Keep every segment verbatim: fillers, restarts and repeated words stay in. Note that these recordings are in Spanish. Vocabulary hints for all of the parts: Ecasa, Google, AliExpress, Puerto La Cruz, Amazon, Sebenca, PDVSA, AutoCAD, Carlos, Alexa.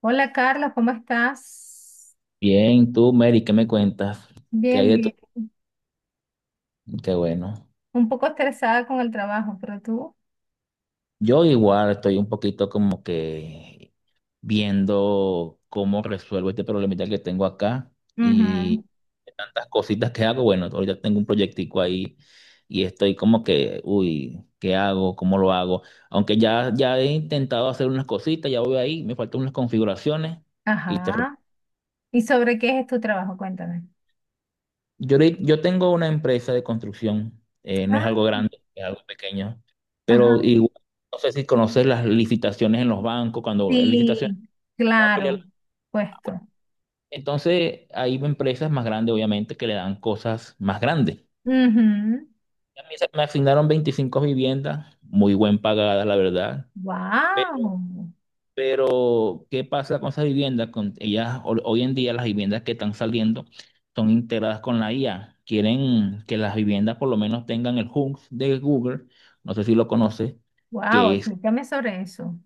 Hola Carlos, ¿cómo estás? Bien, tú, Mary, ¿qué me cuentas? ¿Qué Bien, hay de tu- bien. Qué bueno. Un poco estresada con el trabajo, pero tú. Yo igual estoy un poquito como que viendo cómo resuelvo este problemita que tengo acá Ujú. y tantas cositas que hago. Bueno, ahorita tengo un proyectico ahí y estoy como que, uy, ¿qué hago? ¿Cómo lo hago? Aunque ya, ya he intentado hacer unas cositas, ya voy ahí, me faltan unas configuraciones y te Ajá. ¿Y sobre qué es tu trabajo? Cuéntame. Yo, ahori- yo tengo una empresa de construcción, eh, no es algo Ah, grande, es algo pequeño, pero ajá. igual, no sé si conoces las licitaciones en los bancos, cuando en Sí, licitaciones va a pelear. claro, puesto. Entonces, hay empresas más grandes, obviamente, que le dan cosas más grandes. Ujú. A mí se me asignaron veinticinco viviendas, muy buen pagadas, la verdad. Wow, Pero, ¿qué pasa con esas viviendas? Con ellas, ho- hoy en día las viviendas que están saliendo son integradas con la I A. Quieren que las viviendas por lo menos tengan el Home de Google, no sé si lo conoces, wow, que es explícame sobre eso.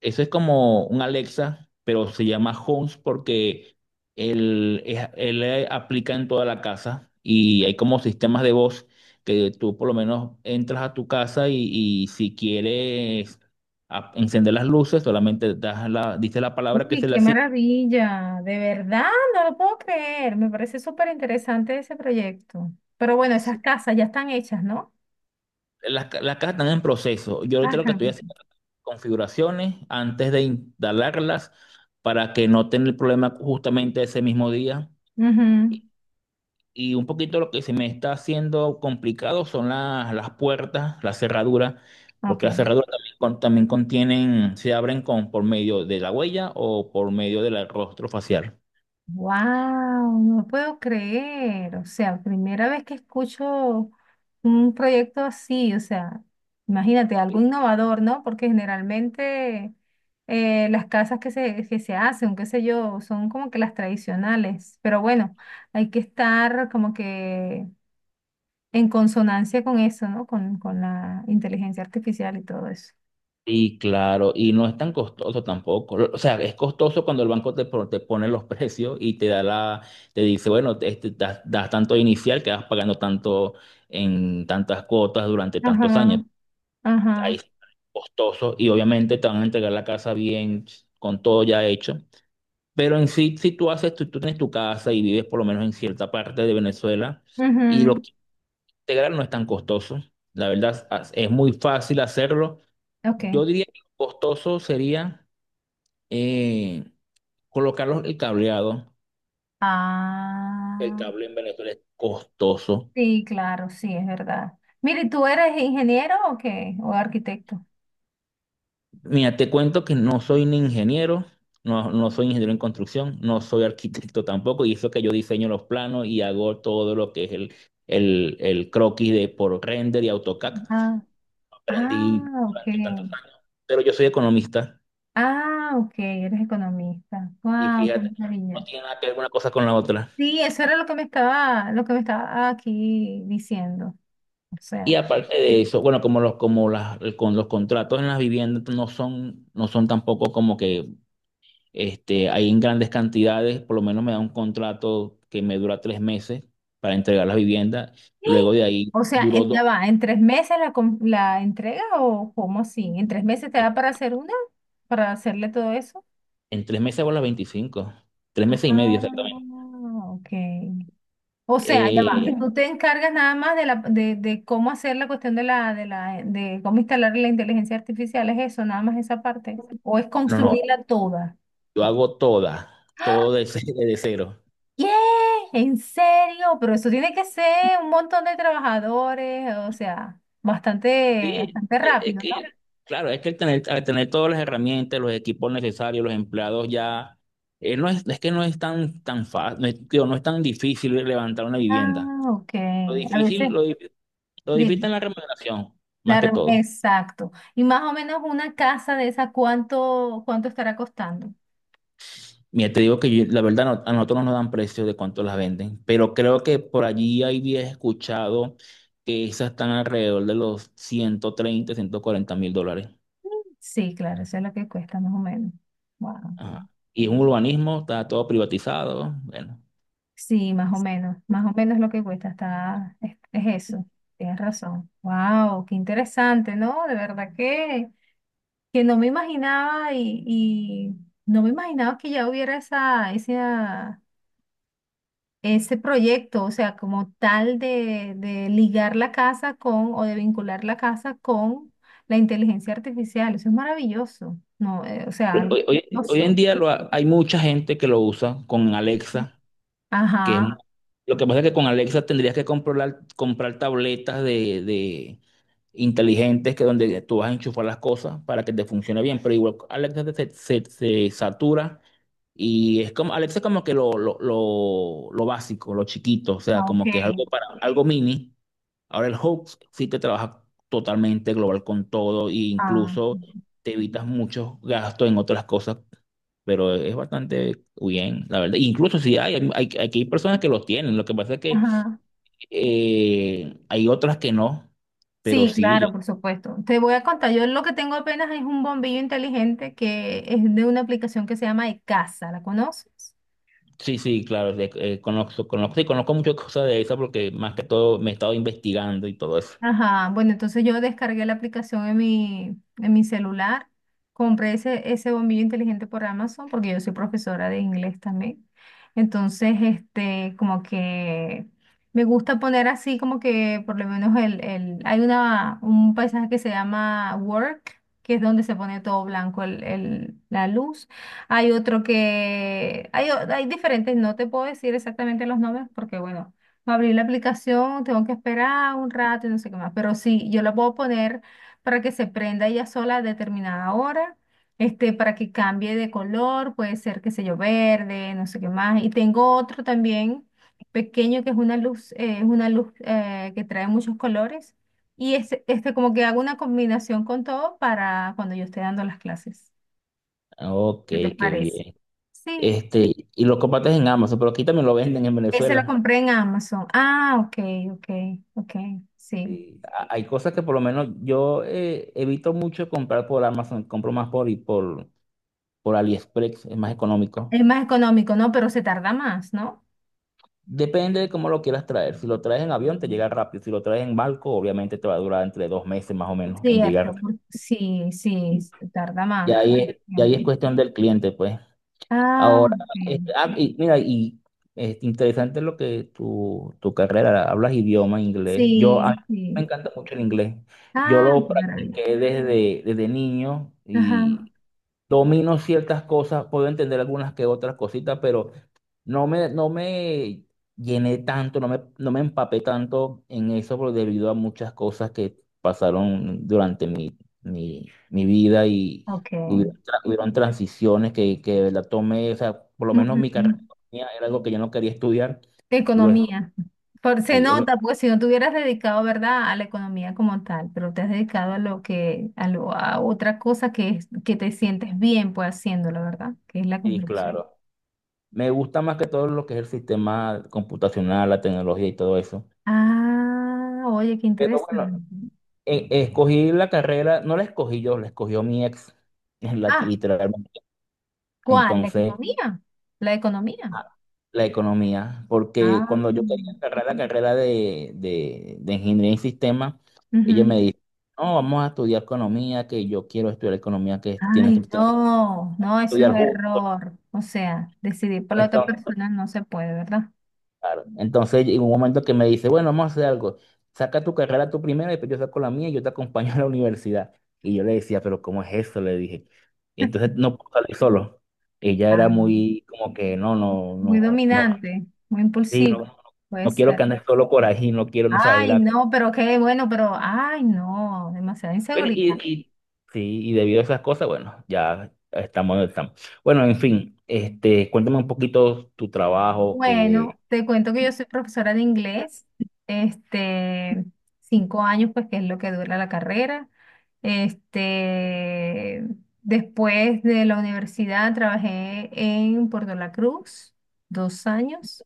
eso es como un Alexa, pero se llama Homes porque él, es- él eh, aplica en toda la casa y hay como sistemas de voz que tú por lo menos entras a tu casa y, y si quieres a- encender las luces, solamente das la, dices la palabra que Uy, se le qué asigna. maravilla, de verdad, no lo puedo creer. Me parece súper interesante ese proyecto. Pero bueno, esas casas ya están hechas, ¿no? Las, ca- las casas están en proceso. Yo Ah, ahorita lo que están estoy hechas. haciendo es configuraciones antes de instalarlas para que no tenga el problema justamente ese mismo día. Ujú. Y un poquito lo que se me está haciendo complicado son las, las puertas, las cerraduras, Ok. porque las cerraduras también, con- también contienen, se abren con, por medio de la huella o por medio del rostro facial. Wow, no puedo creer. O sea, primera vez que escucho un proyecto así. O sea, imagínate, algo innovador, ¿no? Porque generalmente eh, las casas que se, que se hacen, qué sé yo, son como que las tradicionales. Pero bueno, hay que estar como que en consonancia con eso, ¿no? Con, con la inteligencia artificial y todo eso. Y claro, y no es tan costoso tampoco. O sea, es costoso cuando el banco te, pro- te pone los precios y te da la, te dice, bueno, te- este, das, das tanto inicial que vas pagando tanto en tantas cuotas durante tantos Ajá, años. Ahí ajá, sí, costoso, y obviamente te van a entregar la casa bien, con todo ya hecho. Pero en sí, si tú haces, tú, tú tienes tu casa y vives por lo menos en cierta parte de Venezuela y lo ujú, que integrar no es tan costoso. La verdad, as- es muy fácil hacerlo. Yo ok. diría que lo costoso sería eh, colocar los- el cableado. El Ah. cable en Venezuela es costoso. Sí, claro, sí, es verdad. Mire, ¿tú eres ingeniero o qué? ¿O arquitecto? Mira, te cuento que no soy un ingeniero, no, no soy ingeniero en construcción, no soy arquitecto tampoco, y eso que yo diseño los planos y hago todo lo que es el, el, el croquis de por render y AutoCAD. Ah, ah, Aprendí ok. durante tantos años, pero yo soy economista Ah, ok, eres economista. y Wow, qué fíjate, no maravilla. tiene nada que ver una cosa con la otra. Sí, eso era lo que me estaba, lo que me estaba aquí diciendo. O Y sea, aparte de eso, bueno, como los, como las, con los contratos en las viviendas no son, no son tampoco como que. Este, ahí en grandes cantidades, por lo menos me da un contrato que me dura tres meses para entregar las viviendas. ¡ah! Luego de ahí O sea, duró en- dos. ya va, ¿en tres meses la, com- la entrega o cómo así? ¿En tres meses te da para hacer una? ¿Para hacerle todo eso? En tres meses hago las veinticinco. Tres meses y medio Ah, exactamente. ok. O sea, ya Eh, va. Mira. Tú te encargas nada más de la de, de cómo hacer la cuestión de la de la de cómo instalar la inteligencia artificial, es eso, nada más esa parte. O es No, no, construirla toda. Yo hago todas, todo de, ce- de cero. ¿Qué? ¿En serio? Pero eso tiene que ser un montón de trabajadores, o sea, bastante, Sí, bastante e- es rápido, que, ¿no? claro, es que al tener, al tener todas las herramientas, los equipos necesarios, los empleados ya, eh, no es, es que no es tan, tan fácil, no es, digo, no es tan difícil levantar una vivienda. Ah, ok. Lo A difícil, veces, lo difícil lo difícil dime. es la remuneración, La más que re- todo. exacto. Y más o menos una casa de esa, ¿cuánto, ¿cuánto estará costando? Mira, te digo que yo- la verdad no- a nosotros no nos dan precios de cuánto las venden, pero creo que por allí había escuchado que esas están alrededor de los ciento treinta, ciento cuarenta mil dólares. Sí, claro, eso es lo que cuesta más o menos. Wow. Ajá. Y es un urbanismo, está todo privatizado. Bueno, Sí, más o menos, más o menos lo que cuesta, está, es, es eso, tienes razón. Wow, qué interesante, ¿no? De verdad que, que no me imaginaba y, y no me imaginaba que ya hubiera esa, esa, ese proyecto, o sea, como tal de, de ligar la casa con o de vincular la casa con la inteligencia artificial. Eso es maravilloso, ¿no? Eh, o sea, algo hoy, hoy- hoy en maravilloso. día lo ha- hay mucha gente que lo usa con Alexa, que es mu- Ajá, lo que pasa es que con Alexa tendrías que comprar, comprar tabletas de, inteligentes que donde tú vas a enchufar las cosas para que te funcione bien, pero igual Alexa se, se- se satura y es como, Alexa es como que lo, lo, lo, lo básico, lo chiquito, o sea, ah, ok. como que es algo para algo mini. Ahora el Hub sí te trabaja totalmente global con todo e Ah, incluso te evitas muchos gastos en otras cosas, pero es bastante bien, la verdad. Incluso si hay, hay, hay- aquí hay personas que lo tienen, lo que pasa es que ajá. eh, hay otras que no, pero Sí, claro, sí, por supuesto. Te voy a contar, yo lo que tengo apenas es un bombillo inteligente que es de una aplicación que se llama Ecasa, ¿la conoces? sí, sí, claro, de- eh, conozco, conozco, sí, conozco muchas cosas de eso porque más que todo me he estado investigando y todo eso. Ajá, bueno, entonces yo descargué la aplicación en mi, en mi celular, compré ese, ese bombillo inteligente por Amazon porque yo soy profesora de inglés también. Entonces, este, como que me gusta poner así como que por lo menos el, el, hay una, un paisaje que se llama Work, que es donde se pone todo blanco el, el- la luz. Hay otro que, hay, o- hay diferentes, no te puedo decir exactamente los nombres porque bueno. Para abrir la aplicación tengo que esperar un rato y no sé qué más, pero sí, yo la puedo poner para que se prenda ella sola a determinada hora, este, para que cambie de color, puede ser, qué sé yo, verde, no sé qué más. Y tengo otro también pequeño que es una luz, eh, es una luz eh, que trae muchos colores y este, este como que hago una combinación con todo para cuando yo esté dando las clases. Ok, ¿Qué te qué parece? bien. Sí, Este, y lo compartes en Amazon, pero aquí también lo venden en ese lo Venezuela. compré en Amazon. Ah, ok, ok, ok, sí. Sí, ha- hay cosas que por lo menos yo eh, evito mucho comprar por Amazon, compro más por, y por, por AliExpress, es más económico. Es más económico, ¿no? Pero se tarda más, ¿no? Depende de cómo lo quieras traer. Si lo traes en avión, te llega rápido. Si lo traes en barco, obviamente te va a durar entre dos meses más o menos en Cierto, llegar. por- sí, sí, se tarda Y más ahí es, y ahí tiempo. es cuestión del cliente, pues. Ah, Ahora, sí, este, ah, y mira, y es interesante lo que tu, tu carrera, hablas idioma inglés. Yo, a mí sí, me sí. encanta mucho el inglés. Yo Ah, lo qué maravilla. practiqué desde, desde niño Ajá, y domino ciertas cosas, puedo entender algunas que otras cositas, pero no me, no me llené tanto, no me, no me empapé tanto en eso por- debido a muchas cosas que pasaron durante mi, mi, mi vida y ok. hubieron, tra- hubieron transiciones que, que la tomé, o sea, por lo menos mi carrera de Ujú. economía era algo que yo no quería estudiar. Lo, es- Economía. Por, se sí, es lo- nota, pues si no te hubieras dedicado, ¿verdad?, a la economía como tal, pero te has dedicado a lo que, a lo, a otra cosa que es, que te sientes bien, pues haciéndolo, ¿verdad? Que es la Sí, construcción. claro. Me gusta más que todo lo que es el sistema computacional, la tecnología y todo eso. Ah, oye, qué Pero bueno, interesante. e- escogí la carrera, no la escogí yo, la escogió mi ex, la- Ah, literalmente. ¿cuál? ¿La Entonces, economía? ¿La economía? a- la economía, porque Ah, cuando yo quería agarrar la carrera de, de, de ingeniería en sistemas, ella me ujú. dice, no, vamos a estudiar economía, que yo quiero estudiar economía, que tienes que Ay, estudiar no, no, eso es justo. error. O sea, decidir por la otra Entonces, persona no se puede, ¿verdad? claro, entonces en un momento que me dice, bueno, vamos a hacer algo, saca tu carrera tú primero, después yo saco la mía y yo te acompaño a la universidad. Y yo le decía, pero ¿cómo es eso? Le dije. Entonces no puedo salir solo. Ella era Ah, muy como que no, no, muy no, no. dominante, muy Sí, impulsivo, no, puede no quiero que ser. andes solo por ahí, no quiero, no sé, Ay, era... no, pero qué bueno, pero, ay, no, demasiada Bueno, y, inseguridad. y, sí, y debido a esas cosas, bueno, ya estamos donde estamos. Bueno, en fin, este, cuéntame un poquito tu trabajo, que, Bueno, te cuento que yo soy profesora de inglés, este, cinco años, pues que es lo que dura la carrera. Este, después de la universidad trabajé en Puerto La Cruz, dos años.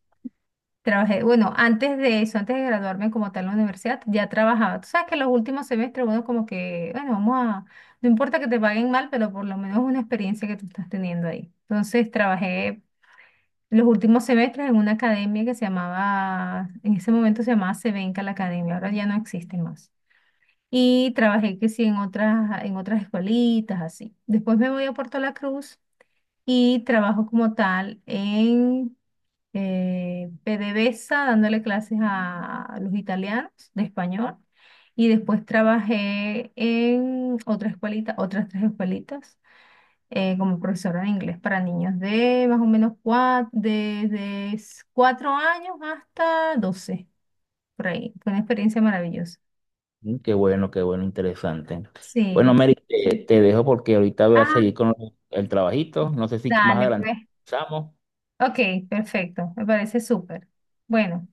Trabajé, bueno, antes de eso, antes de graduarme como tal en la universidad, ya trabajaba. Tú sabes que los últimos semestres, bueno, como que, bueno, vamos a, no importa que te paguen mal, pero por lo menos una experiencia que tú estás teniendo ahí. Entonces trabajé los últimos semestres en una academia que se llamaba, en ese momento se llamaba Sebenca la academia, ahora ya no existe más. Y trabajé que sí en otras, en otras escuelitas, así. Después me voy a Puerto La Cruz y trabajo como tal en eh, PDVSA, dándole clases a los italianos de español. Y después trabajé en otra escuelita, otras tres escuelitas eh, como profesora de inglés para niños de más o menos cuatro, desde cuatro años hasta doce por ahí. Fue una experiencia maravillosa. mm, qué bueno, qué bueno, interesante. Bueno, Sí. Mary, te, te dejo porque ahorita voy a seguir Ah, con el trabajito, no sé si más dale, adelante pues. empezamos. Ok, perfecto. Me parece súper. Bueno.